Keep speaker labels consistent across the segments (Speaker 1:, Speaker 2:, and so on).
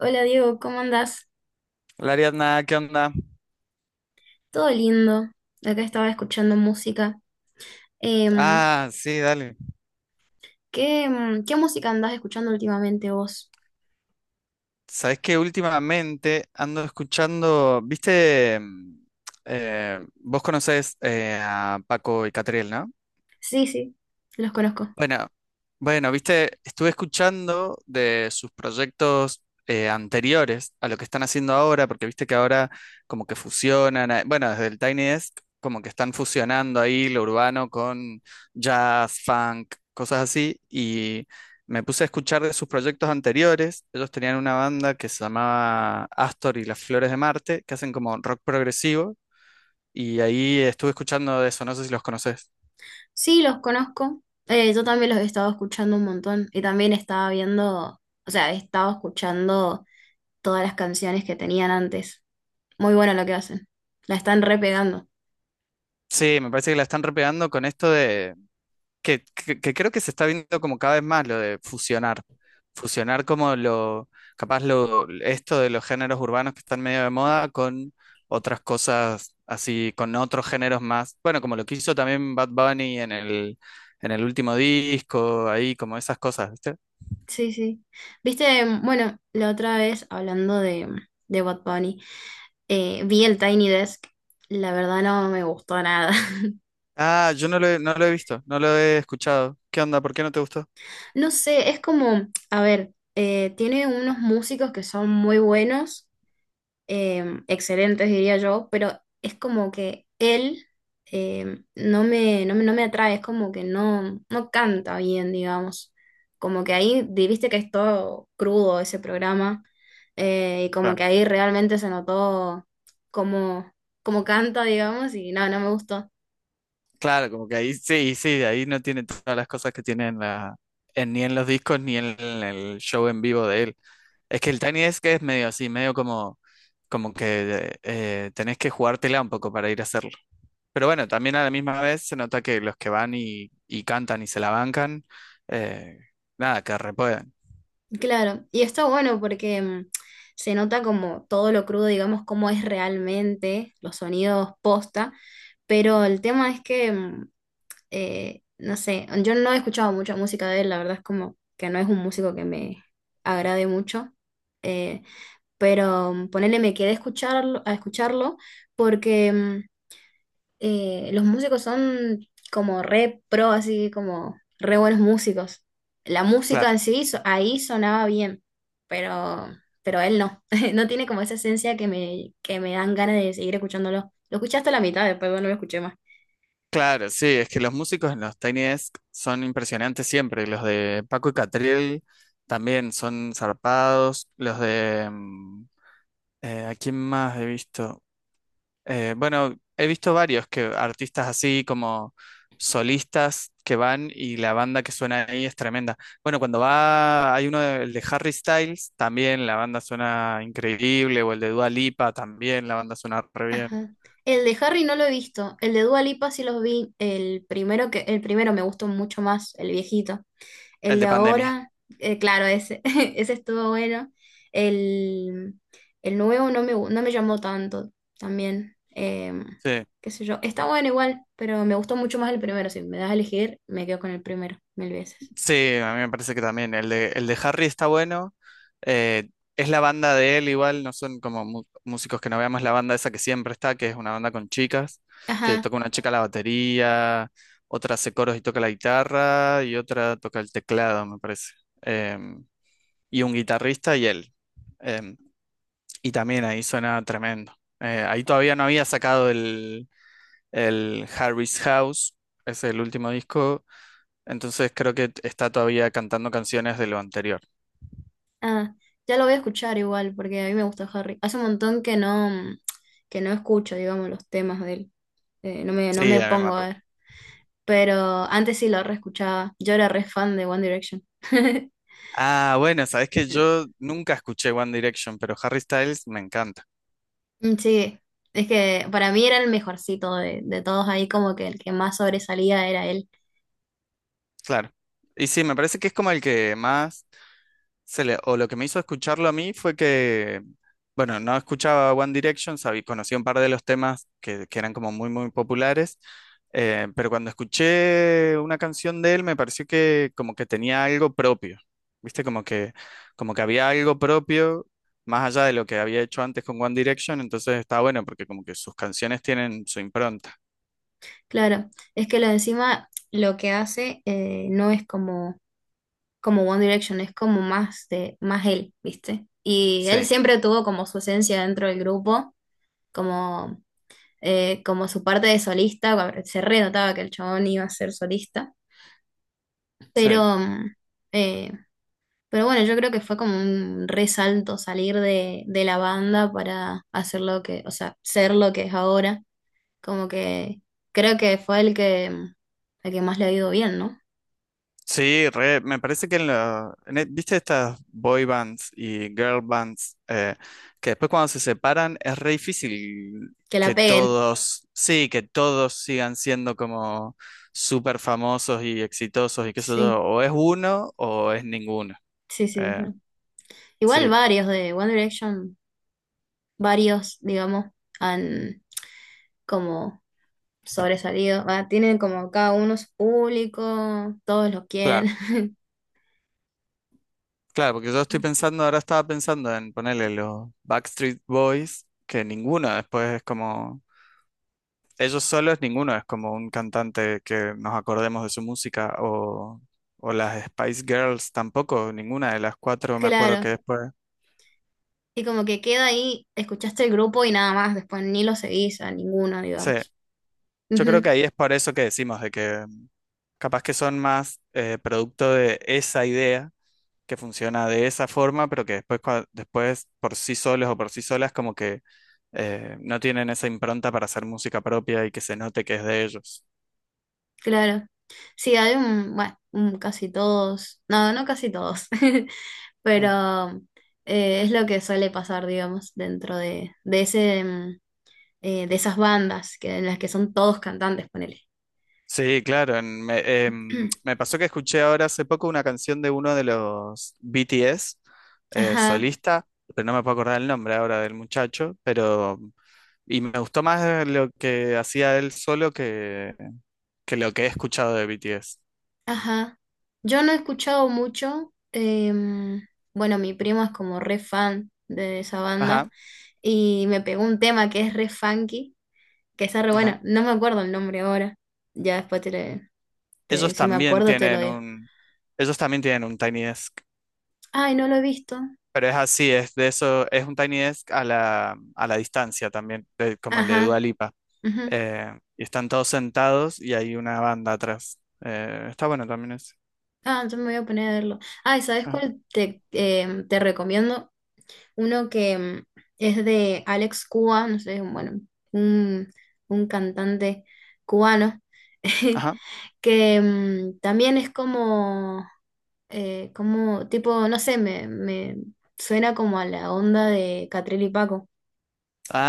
Speaker 1: Hola Diego, ¿cómo andás?
Speaker 2: Hola Ariadna, ¿qué onda?
Speaker 1: Todo lindo. Acá estaba escuchando música. Em,
Speaker 2: Ah, sí, dale.
Speaker 1: ¿Qué, qué música andás escuchando últimamente vos?
Speaker 2: Sabes que últimamente ando escuchando, viste, vos conocés a Paco y Catriel, ¿no?
Speaker 1: Sí, sí, los conozco.
Speaker 2: Bueno, bueno, viste, estuve escuchando de sus proyectos anteriores a lo que están haciendo ahora, porque viste que ahora como que fusionan, bueno, desde el Tiny Desk como que están fusionando ahí lo urbano con jazz, funk, cosas así, y me puse a escuchar de sus proyectos anteriores. Ellos tenían una banda que se llamaba Astor y las Flores de Marte, que hacen como rock progresivo, y ahí estuve escuchando de eso, no sé si los conoces.
Speaker 1: Sí, los conozco. Yo también los he estado escuchando un montón y también estaba viendo, o sea, he estado escuchando todas las canciones que tenían antes. Muy bueno lo que hacen. La están repegando.
Speaker 2: Sí, me parece que la están repegando con esto que creo que se está viendo como cada vez más lo de fusionar. Fusionar como lo, capaz lo, esto de los géneros urbanos que están medio de moda con otras cosas así, con otros géneros más. Bueno, como lo que hizo también Bad Bunny en el último disco, ahí, como esas cosas, ¿viste?
Speaker 1: Sí, sí. Viste, bueno, la otra vez hablando de Bad Bunny. Vi el Tiny Desk, la verdad no me gustó nada.
Speaker 2: Ah, yo no lo he, no lo he visto, no lo he escuchado. ¿Qué onda? ¿Por qué no te gustó?
Speaker 1: No sé, es como, a ver, tiene unos músicos que son muy buenos, excelentes diría yo, pero es como que él no me atrae, es como que no, no canta bien, digamos. Como que ahí, viste que es todo crudo ese programa, y como
Speaker 2: Claro,
Speaker 1: que ahí realmente se notó como, como canta, digamos, y no, no me gustó.
Speaker 2: claro, como que ahí sí, sí, ahí no tiene todas las cosas que tiene en la, ni en los discos ni en el show en vivo de él. Es que el Tiny Desk es medio así, medio como, como que tenés que jugártela un poco para ir a hacerlo. Pero bueno, también a la misma vez se nota que los que van y cantan y se la bancan, eh, nada, que repuedan.
Speaker 1: Claro, y está bueno porque se nota como todo lo crudo, digamos, cómo es realmente los sonidos posta, pero el tema es que, no sé, yo no he escuchado mucha música de él, la verdad es como que no es un músico que me agrade mucho, eh, pero ponele me quedé a escucharlo porque los músicos son como re pro, así como re buenos músicos. La música
Speaker 2: Claro,
Speaker 1: en ahí sonaba bien, pero, pero él no. No tiene como esa esencia que que me dan ganas de seguir escuchándolo. Lo escuché hasta la mitad, después no lo escuché más.
Speaker 2: claro, sí, es que los músicos en los Tiny Desk son impresionantes siempre. Los de Paco y Catriel también son zarpados. Los de... ¿a quién más he visto? Bueno, he visto varios que artistas así como solistas que van y la banda que suena ahí es tremenda. Bueno, cuando va, hay uno de, el de Harry Styles, también la banda suena increíble, o el de Dua Lipa, también la banda suena re bien.
Speaker 1: Ajá. El de Harry no lo he visto. El de Dua Lipa sí los vi. El primero el primero me gustó mucho más, el viejito. El
Speaker 2: El
Speaker 1: de
Speaker 2: de Pandemia,
Speaker 1: ahora, claro, ese, ese estuvo bueno. El, el nuevo no no me llamó tanto también.
Speaker 2: sí.
Speaker 1: Qué sé yo. Está bueno igual, pero me gustó mucho más el primero. Si me das a elegir, me quedo con el primero mil veces.
Speaker 2: Sí, a mí me parece que también. El de Harry está bueno. eh, es la banda de él igual, no son como músicos que no veamos la banda esa que siempre está, que es una banda con chicas, que
Speaker 1: Ajá,
Speaker 2: toca una chica la batería, otra hace coros y toca la guitarra, y otra toca el teclado, me parece. Em, y un guitarrista y él. Em, y también ahí suena tremendo. Ahí todavía no había sacado el Harry's House, es el último disco, entonces creo que está todavía cantando canciones de lo anterior.
Speaker 1: ah, ya lo voy a escuchar igual, porque a mí me gusta Harry. Hace un montón que no escucho, digamos, los temas de él. No
Speaker 2: Sí,
Speaker 1: me
Speaker 2: a mí me
Speaker 1: pongo a
Speaker 2: mató.
Speaker 1: ver. Pero antes sí lo reescuchaba. Yo era re fan de One Direction.
Speaker 2: Ah, bueno, sabes que yo nunca escuché One Direction, pero Harry Styles me encanta.
Speaker 1: Mm, sí, es que para mí era el mejorcito de todos ahí, como que el que más sobresalía era él.
Speaker 2: Claro. Y sí, me parece que es como el que más o lo que me hizo escucharlo a mí fue que, bueno, no escuchaba One Direction, sabí, conocí un par de los temas que eran como muy, muy populares, pero cuando escuché una canción de él me pareció que como que tenía algo propio, ¿viste? Como que había algo propio. Más allá de lo que había hecho antes con One Direction, entonces está bueno porque como que sus canciones tienen su impronta.
Speaker 1: Claro, es que lo de encima lo que hace no es como, como One Direction, es como más de, más él, ¿viste? Y él
Speaker 2: Sí,
Speaker 1: siempre tuvo como su esencia dentro del grupo, como, como su parte de solista, se re notaba que el chabón iba a ser solista,
Speaker 2: sí.
Speaker 1: pero eh, pero bueno, yo creo que fue como un resalto salir de la banda para hacer lo que, o sea, ser lo que es ahora. Como que creo que fue el el que más le ha ido bien, ¿no?
Speaker 2: Sí, re, me parece que en la, viste estas boy bands y girl bands que después cuando se separan es re difícil
Speaker 1: Que la
Speaker 2: que
Speaker 1: peguen.
Speaker 2: todos, sí, que todos sigan siendo como súper famosos y exitosos y qué sé yo,
Speaker 1: Sí,
Speaker 2: o es uno o es ninguno.
Speaker 1: sí, sí. Sí.
Speaker 2: Eh,
Speaker 1: Igual
Speaker 2: sí,
Speaker 1: varios de One Direction, varios, digamos, han como sobresalido. Ah, tienen como cada uno su público, todos los quieren.
Speaker 2: claro, claro, porque yo estoy pensando, ahora estaba pensando en ponerle los Backstreet Boys, que ninguno después es como ellos solos, ninguno es como un cantante que nos acordemos de su música, o las Spice Girls tampoco, ninguna de las cuatro me acuerdo que
Speaker 1: Claro.
Speaker 2: después.
Speaker 1: Y como que queda ahí, escuchaste el grupo y nada más, después ni lo seguís a ninguno,
Speaker 2: Sí,
Speaker 1: digamos.
Speaker 2: yo creo que
Speaker 1: Ujú,
Speaker 2: ahí es por eso que decimos de que capaz que son más producto de esa idea que funciona de esa forma, pero que después, después por sí solos o por sí solas como que no tienen esa impronta para hacer música propia y que se note que es de ellos.
Speaker 1: claro. Sí, hay un, bueno, un casi todos, no, no casi todos, pero es lo que suele pasar, digamos, dentro de ese, de esas bandas que, en las que son todos cantantes, ponele.
Speaker 2: Sí, claro. Me pasó que escuché ahora hace poco una canción de uno de los BTS,
Speaker 1: Ajá,
Speaker 2: solista, pero no me puedo acordar el nombre ahora del muchacho, pero y me gustó más lo que hacía él solo que lo que he escuchado de BTS.
Speaker 1: ajá. Yo no he escuchado mucho, bueno, mi primo es como re fan de esa banda
Speaker 2: Ajá,
Speaker 1: y me pegó un tema que es re funky, que está re
Speaker 2: ajá.
Speaker 1: bueno, no me acuerdo el nombre ahora, ya después
Speaker 2: Ellos
Speaker 1: si me
Speaker 2: también
Speaker 1: acuerdo, te lo
Speaker 2: tienen
Speaker 1: digo.
Speaker 2: un, ellos también tienen un Tiny Desk,
Speaker 1: Ay, no lo he visto.
Speaker 2: pero es así, es de eso, es un Tiny Desk a la distancia también, como el de Dua
Speaker 1: Ajá,
Speaker 2: Lipa.
Speaker 1: ujú.
Speaker 2: Y están todos sentados y hay una banda atrás. Está bueno también eso.
Speaker 1: Ah, entonces me voy a poner a verlo. Ay, ¿sabes
Speaker 2: Ajá.
Speaker 1: cuál te recomiendo? Uno que es de Alex Cuba, no sé, bueno, un, un cantante cubano,
Speaker 2: Ajá.
Speaker 1: que también es como, como, tipo, no sé, me suena como a la onda de Catril y Paco.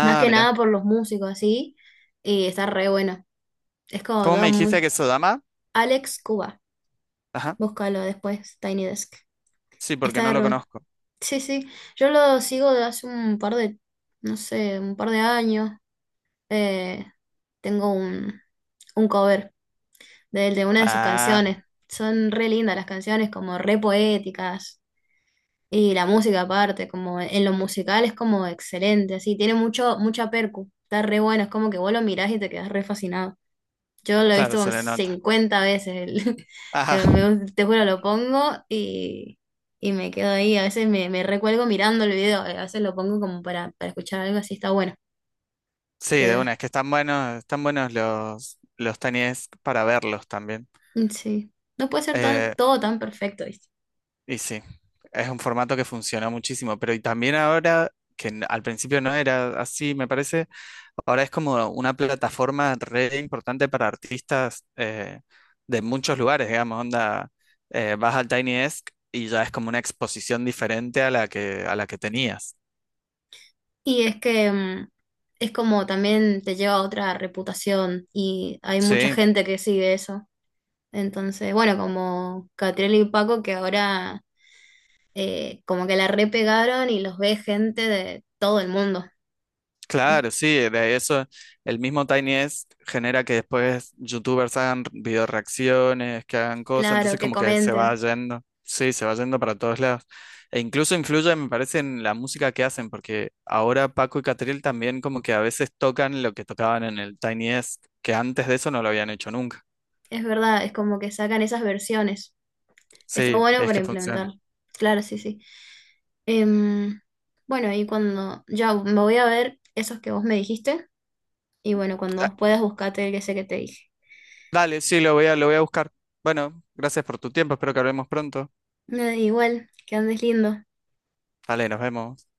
Speaker 1: Más que
Speaker 2: mira.
Speaker 1: nada por los músicos, así, y está re bueno. Es como
Speaker 2: ¿Cómo me
Speaker 1: todo
Speaker 2: dijiste que es Sodama?
Speaker 1: Alex Cuba.
Speaker 2: Ajá.
Speaker 1: Búscalo después, Tiny Desk.
Speaker 2: Sí, porque
Speaker 1: Está
Speaker 2: no
Speaker 1: de
Speaker 2: lo
Speaker 1: rol.
Speaker 2: conozco.
Speaker 1: Sí, sí. Yo lo sigo de hace un par no sé, un par de años. Eh, tengo un cover de una de sus
Speaker 2: Ah,
Speaker 1: canciones. Son re lindas las canciones, como re poéticas. Y la música aparte, como en lo musical es como excelente, así. Tiene mucho, mucha percu. Está re bueno, es como que vos lo mirás y te quedás re fascinado. Yo lo he
Speaker 2: claro,
Speaker 1: visto como
Speaker 2: se le nota.
Speaker 1: 50 veces.
Speaker 2: Ajá.
Speaker 1: Pero te juro, lo pongo y me quedo ahí. A veces me recuelgo mirando el video. A veces lo pongo como para escuchar algo así. Está bueno.
Speaker 2: Sí, de una,
Speaker 1: Te-
Speaker 2: es que están buenos los tenis para verlos también.
Speaker 1: sí. No puede ser tan-
Speaker 2: Eh,
Speaker 1: todo tan perfecto, ¿viste?
Speaker 2: Y sí, es un formato que funciona muchísimo, pero y también ahora, al principio no era así, me parece, ahora es como una plataforma re importante para artistas de muchos lugares, digamos, onda, vas al Tiny Desk y ya es como una exposición diferente a la que tenías.
Speaker 1: Y es que es como también te lleva a otra reputación y hay mucha
Speaker 2: Sí,
Speaker 1: gente que sigue eso. Entonces, bueno, como Catriel y Paco que ahora como que la repegaron y los ve gente de todo el mundo.
Speaker 2: claro, sí, de eso el mismo Tiny Desk genera que después youtubers hagan video reacciones, que hagan cosas,
Speaker 1: Claro,
Speaker 2: entonces
Speaker 1: que
Speaker 2: como que se va
Speaker 1: comenten.
Speaker 2: yendo, sí, se va yendo para todos lados. E incluso influye, me parece, en la música que hacen, porque ahora Paco y Catril también como que a veces tocan lo que tocaban en el Tiny Desk, que antes de eso no lo habían hecho nunca.
Speaker 1: Es verdad, es como que sacan esas versiones. Está
Speaker 2: Sí,
Speaker 1: bueno
Speaker 2: es
Speaker 1: para
Speaker 2: que
Speaker 1: implementar.
Speaker 2: funciona.
Speaker 1: Claro, sí, sí. Em, bueno, y cuando ya me voy a ver esos que vos me dijiste, y bueno,
Speaker 2: Ah,
Speaker 1: cuando puedas buscate el que sé que te dije.
Speaker 2: dale, sí, lo voy a buscar. Bueno, gracias por tu tiempo, espero que hablemos pronto.
Speaker 1: Nada, igual, que andes lindo.
Speaker 2: Dale, nos vemos.